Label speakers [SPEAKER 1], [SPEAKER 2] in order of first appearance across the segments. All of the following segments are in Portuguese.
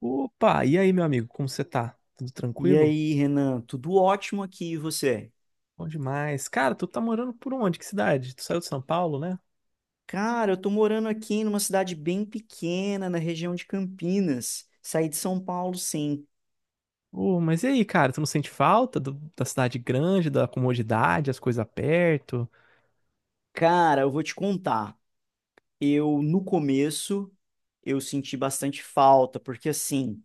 [SPEAKER 1] Opa, e aí, meu amigo, como você tá? Tudo
[SPEAKER 2] E
[SPEAKER 1] tranquilo?
[SPEAKER 2] aí, Renan, tudo ótimo aqui, e você?
[SPEAKER 1] Bom demais. Cara, tu tá morando por onde? Que cidade? Tu saiu de São Paulo, né?
[SPEAKER 2] Cara, eu tô morando aqui numa cidade bem pequena, na região de Campinas. Saí de São Paulo, sim.
[SPEAKER 1] Oh, mas e aí, cara, tu não sente falta da cidade grande, da comodidade, as coisas perto?
[SPEAKER 2] Cara, eu vou te contar. Eu, no começo, eu senti bastante falta, porque assim,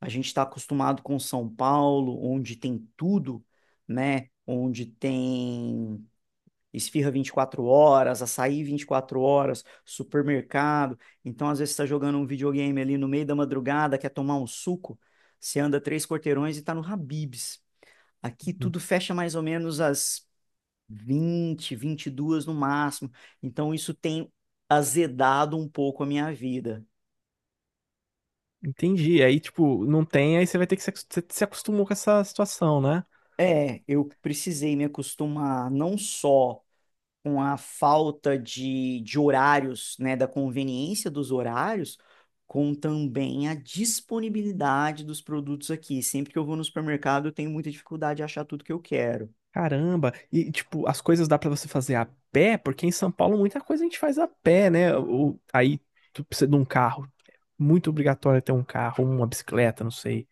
[SPEAKER 2] a gente tá acostumado com São Paulo, onde tem tudo, né? Onde tem Esfirra 24 horas, açaí 24 horas, supermercado. Então, às vezes, você está jogando um videogame ali no meio da madrugada, quer tomar um suco, você anda três quarteirões e está no Habib's. Aqui
[SPEAKER 1] Uhum.
[SPEAKER 2] tudo fecha mais ou menos às 20, 22 no máximo. Então, isso tem azedado um pouco a minha vida.
[SPEAKER 1] Entendi. Aí, tipo, não tem, aí você vai ter que se, acos- você se acostumou com essa situação, né?
[SPEAKER 2] É, eu precisei me acostumar não só com a falta de horários, né, da conveniência dos horários, com também a disponibilidade dos produtos aqui. Sempre que eu vou no supermercado, eu tenho muita dificuldade de achar tudo que eu quero.
[SPEAKER 1] Caramba. E, tipo, as coisas dá pra você fazer a pé? Porque em São Paulo muita coisa a gente faz a pé, né? Ou, aí tu precisa de um carro. É muito obrigatório ter um carro, uma bicicleta, não sei.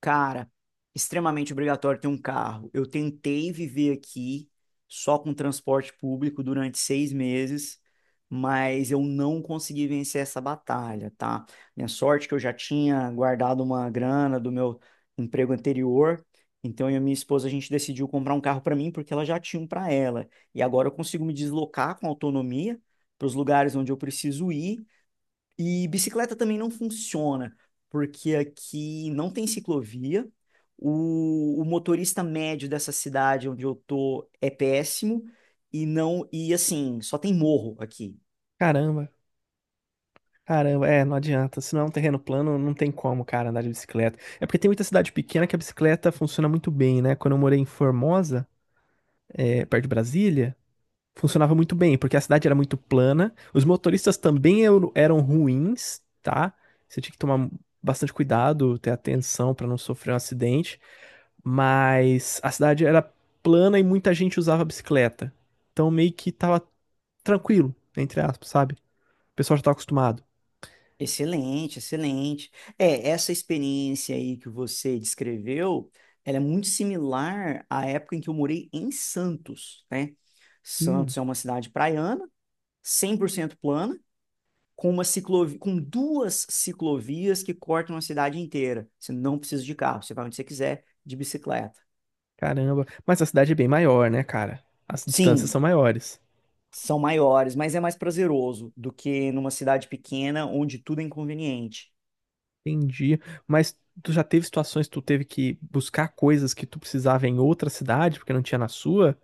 [SPEAKER 2] Cara, extremamente obrigatório ter um carro. Eu tentei viver aqui só com transporte público durante 6 meses, mas eu não consegui vencer essa batalha, tá? Minha sorte é que eu já tinha guardado uma grana do meu emprego anterior, então eu e minha esposa a gente decidiu comprar um carro para mim porque ela já tinha um para ela. E agora eu consigo me deslocar com autonomia para os lugares onde eu preciso ir e bicicleta também não funciona, porque aqui não tem ciclovia. O motorista médio dessa cidade onde eu tô é péssimo e não e assim, só tem morro aqui.
[SPEAKER 1] Caramba. Caramba, é, não adianta. Se não é um terreno plano, não tem como, cara, andar de bicicleta. É porque tem muita cidade pequena que a bicicleta funciona muito bem, né? Quando eu morei em Formosa, é, perto de Brasília, funcionava muito bem, porque a cidade era muito plana. Os motoristas também eram ruins, tá? Você tinha que tomar bastante cuidado, ter atenção pra não sofrer um acidente. Mas a cidade era plana e muita gente usava bicicleta. Então meio que tava tranquilo, entre aspas, sabe? O pessoal já tava acostumado.
[SPEAKER 2] Excelente, excelente. É, essa experiência aí que você descreveu, ela é muito similar à época em que eu morei em Santos, né? Santos é uma cidade praiana, 100% plana, com uma ciclovia, com duas ciclovias que cortam a cidade inteira. Você não precisa de carro, você vai onde você quiser, de bicicleta.
[SPEAKER 1] Caramba. Mas a cidade é bem maior, né, cara? As distâncias são
[SPEAKER 2] Sim,
[SPEAKER 1] maiores.
[SPEAKER 2] são maiores, mas é mais prazeroso do que numa cidade pequena onde tudo é inconveniente.
[SPEAKER 1] Entendi. Mas tu já teve situações que tu teve que buscar coisas que tu precisava em outra cidade porque não tinha na sua?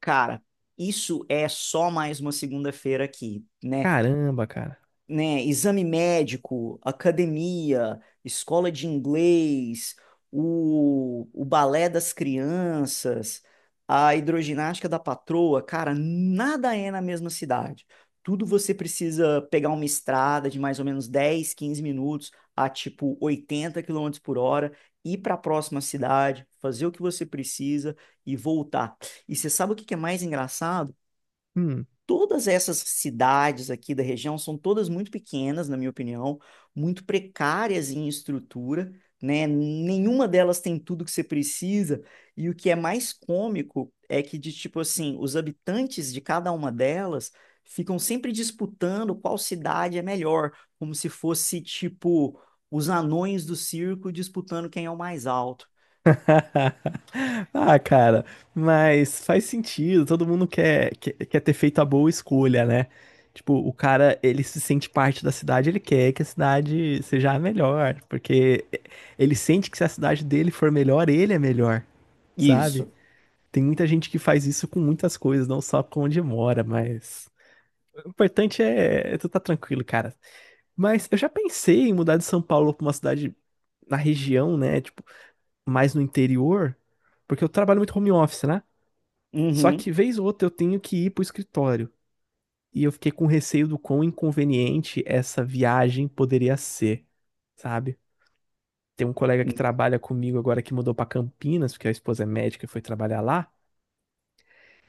[SPEAKER 2] Cara, isso é só mais uma segunda-feira aqui, né?
[SPEAKER 1] Caramba, cara.
[SPEAKER 2] Né, Exame médico, academia, escola de inglês, o balé das crianças, a hidroginástica da patroa, cara, nada é na mesma cidade. Tudo você precisa pegar uma estrada de mais ou menos 10, 15 minutos a tipo 80 km/h, ir para a próxima cidade, fazer o que você precisa e voltar. E você sabe o que que é mais engraçado?
[SPEAKER 1] Hum.
[SPEAKER 2] Todas essas cidades aqui da região são todas muito pequenas, na minha opinião, muito precárias em estrutura, né? Nenhuma delas tem tudo que você precisa. E o que é mais cômico é que, de tipo assim, os habitantes de cada uma delas ficam sempre disputando qual cidade é melhor, como se fosse, tipo, os anões do circo disputando quem é o mais alto.
[SPEAKER 1] Ah, cara, mas faz sentido. Todo mundo quer, quer ter feito a boa escolha, né? Tipo, o cara, ele se sente parte da cidade, ele quer que a cidade seja a melhor, porque ele sente que se a cidade dele for melhor, ele é melhor, sabe?
[SPEAKER 2] Isso.
[SPEAKER 1] Tem muita gente que faz isso com muitas coisas, não só com onde mora, mas. O importante é tu tá tranquilo, cara. Mas eu já pensei em mudar de São Paulo pra uma cidade na região, né? Tipo, mais no interior, porque eu trabalho muito home office, né? Só que
[SPEAKER 2] Uhum.
[SPEAKER 1] vez ou outra eu tenho que ir pro escritório. E eu fiquei com receio do quão inconveniente essa viagem poderia ser, sabe? Tem um colega que trabalha comigo agora que mudou pra Campinas, porque a esposa é médica e foi trabalhar lá.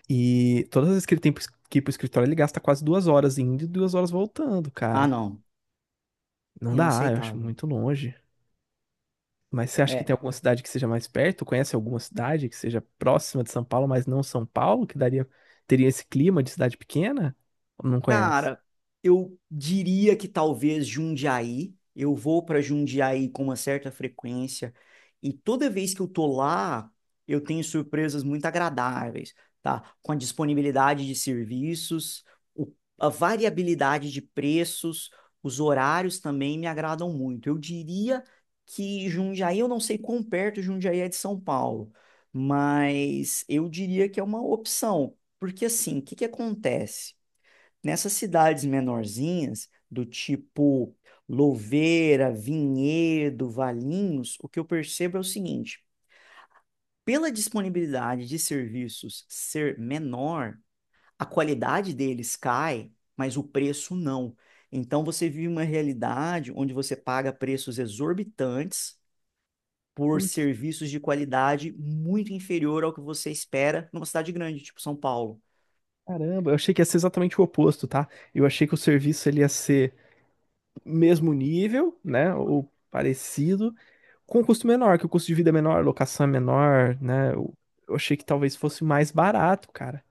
[SPEAKER 1] E todas as vezes que ele tem que ir pro escritório, ele gasta quase 2 horas indo e 2 horas voltando,
[SPEAKER 2] Ah,
[SPEAKER 1] cara.
[SPEAKER 2] não.
[SPEAKER 1] Não dá, eu acho
[SPEAKER 2] Inaceitável.
[SPEAKER 1] muito longe. Mas você acha que
[SPEAKER 2] É.
[SPEAKER 1] tem alguma cidade que seja mais perto? Conhece alguma cidade que seja próxima de São Paulo, mas não São Paulo, que daria, teria esse clima de cidade pequena? Ou não conhece?
[SPEAKER 2] Cara, eu diria que talvez Jundiaí. Eu vou para Jundiaí com uma certa frequência e toda vez que eu tô lá, eu tenho surpresas muito agradáveis, tá? Com a disponibilidade de serviços, o- a variabilidade de preços, os horários também me agradam muito. Eu diria que Jundiaí, eu não sei quão perto Jundiaí é de São Paulo, mas eu diria que é uma opção, porque assim, o que que acontece? Nessas cidades menorzinhas, do tipo Louveira, Vinhedo, Valinhos, o que eu percebo é o seguinte: pela disponibilidade de serviços ser menor, a qualidade deles cai, mas o preço não. Então você vive uma realidade onde você paga preços exorbitantes por
[SPEAKER 1] Putz,
[SPEAKER 2] serviços de qualidade muito inferior ao que você espera numa cidade grande, tipo São Paulo.
[SPEAKER 1] caramba, eu achei que ia ser exatamente o oposto, tá? Eu achei que o serviço ele ia ser mesmo nível, né? Ou parecido, com um custo menor, que o custo de vida é menor, a locação é menor, né? Eu achei que talvez fosse mais barato, cara.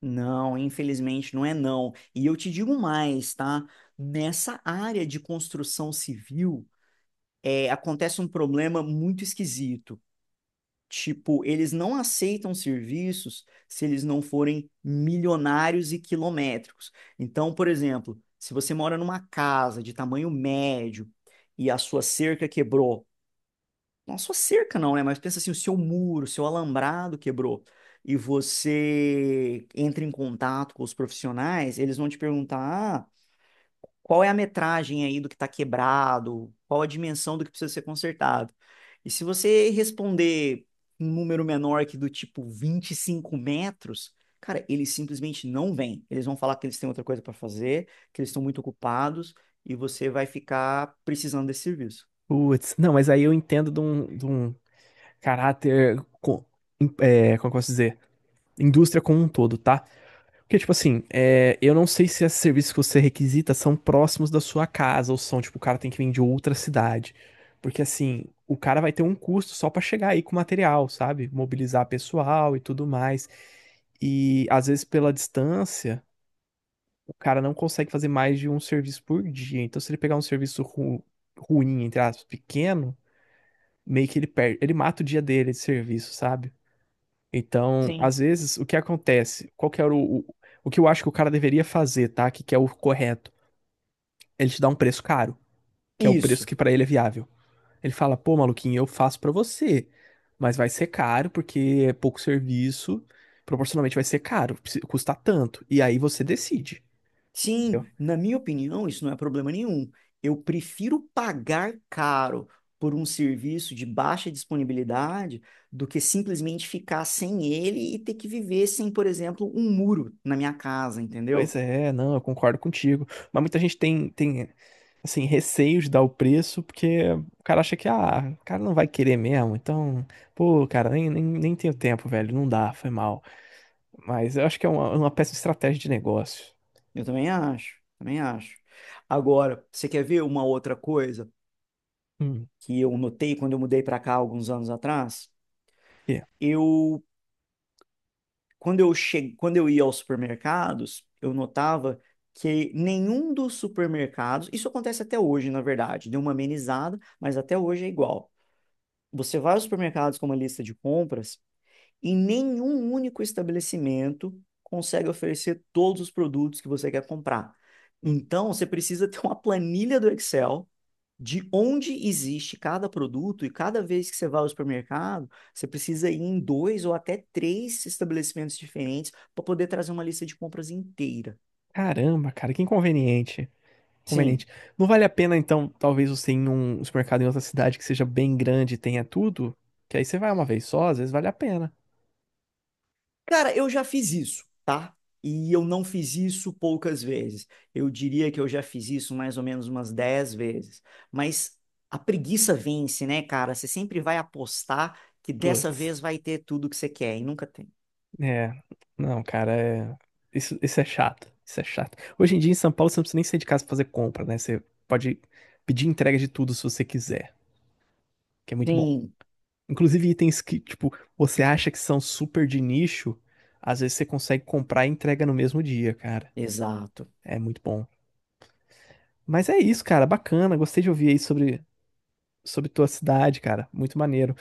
[SPEAKER 2] Não, infelizmente não é não. E eu te digo mais, tá? Nessa área de construção civil, é, acontece um problema muito esquisito. Tipo, eles não aceitam serviços se eles não forem milionários e quilométricos. Então, por exemplo, se você mora numa casa de tamanho médio e a sua cerca quebrou, não só cerca não, né? Mas pensa assim, o seu muro, o seu alambrado quebrou e você entra em contato com os profissionais, eles vão te perguntar, ah, qual é a metragem aí do que está quebrado, qual a dimensão do que precisa ser consertado. E se você responder um número menor que do tipo 25 metros, cara, eles simplesmente não vêm. Eles vão falar que eles têm outra coisa para fazer, que eles estão muito ocupados e você vai ficar precisando desse serviço.
[SPEAKER 1] Putz, não, mas aí eu entendo de um caráter, co- é, como eu posso dizer? Indústria como um todo, tá? Porque, tipo assim, é, eu não sei se esses serviços que você requisita são próximos da sua casa, ou são, tipo, o cara tem que vir de outra cidade. Porque, assim, o cara vai ter um custo só pra chegar aí com o material, sabe? Mobilizar pessoal e tudo mais. E, às vezes, pela distância. O cara não consegue fazer mais de um serviço por dia. Então, se ele pegar um ruim, entre aspas, pequeno, meio que ele perde, ele mata o dia dele de serviço, sabe? Então,
[SPEAKER 2] Sim.
[SPEAKER 1] às vezes, o que acontece? Qual que era o que eu acho que o cara deveria fazer, tá? Que é o correto. Ele te dá um preço caro, que é o preço
[SPEAKER 2] Isso.
[SPEAKER 1] que pra ele é viável. Ele fala, pô, maluquinho, eu faço pra você, mas vai ser caro porque é pouco serviço, proporcionalmente vai ser custa tanto. E aí você decide.
[SPEAKER 2] Sim, na minha opinião, isso não é problema nenhum. Eu prefiro pagar caro por um serviço de baixa disponibilidade do que simplesmente ficar sem ele e ter que viver sem, por exemplo, um muro na minha casa,
[SPEAKER 1] Pois
[SPEAKER 2] entendeu?
[SPEAKER 1] é, não, eu concordo contigo. Mas muita gente tem, tem assim, receio de dar o preço, porque o cara acha que, ah, o cara não vai querer mesmo. Então, pô, cara, nem tenho tempo, velho. Não dá, foi mal. Mas eu acho que é uma péssima estratégia de negócio.
[SPEAKER 2] Eu também acho, também acho. Agora, você quer ver uma outra coisa
[SPEAKER 1] Hum,
[SPEAKER 2] que eu notei quando eu mudei para cá alguns anos atrás?
[SPEAKER 1] quê?
[SPEAKER 2] Eu quando eu che... Quando eu ia aos supermercados, eu notava que nenhum dos supermercados, isso acontece até hoje, na verdade, deu uma amenizada, mas até hoje é igual. Você vai aos supermercados com uma lista de compras e nenhum único estabelecimento consegue oferecer todos os produtos que você quer comprar.
[SPEAKER 1] Hum,
[SPEAKER 2] Então, você precisa ter uma planilha do Excel de onde existe cada produto e cada vez que você vai ao supermercado, você precisa ir em dois ou até três estabelecimentos diferentes para poder trazer uma lista de compras inteira.
[SPEAKER 1] caramba, cara, que inconveniente.
[SPEAKER 2] Sim.
[SPEAKER 1] Conveniente Não vale a pena, então, talvez você ir em um supermercado em outra cidade que seja bem grande e tenha tudo? Que aí você vai uma vez só, às vezes vale a pena.
[SPEAKER 2] Cara, eu já fiz isso, tá? E eu não fiz isso poucas vezes. Eu diria que eu já fiz isso mais ou menos umas 10 vezes. Mas a preguiça vence, né, cara? Você sempre vai apostar que dessa
[SPEAKER 1] Putz.
[SPEAKER 2] vez vai ter tudo que você quer e nunca tem.
[SPEAKER 1] É, não, cara, é... Isso é chato, isso é chato. Hoje em dia em São Paulo você não precisa nem sair de casa pra fazer compra, né? Você pode pedir entrega de tudo se você quiser, que é muito bom.
[SPEAKER 2] Sim,
[SPEAKER 1] Inclusive itens que, tipo, você acha que são super de nicho, às vezes você consegue comprar e entrega no mesmo dia, cara.
[SPEAKER 2] exato.
[SPEAKER 1] É muito bom. Mas é isso, cara, bacana, gostei de ouvir aí sobre, sobre tua cidade, cara, muito maneiro.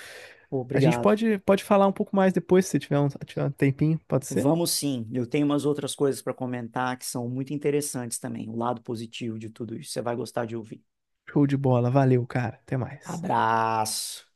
[SPEAKER 2] Pô,
[SPEAKER 1] A gente
[SPEAKER 2] Obrigado.
[SPEAKER 1] pode, pode falar um pouco mais depois, se tiver um, tiver um tempinho, pode ser?
[SPEAKER 2] Vamos sim, eu tenho umas outras coisas para comentar que são muito interessantes também, o lado positivo de tudo isso. Você vai gostar de ouvir.
[SPEAKER 1] Show de bola, valeu, cara, até mais.
[SPEAKER 2] Abraço!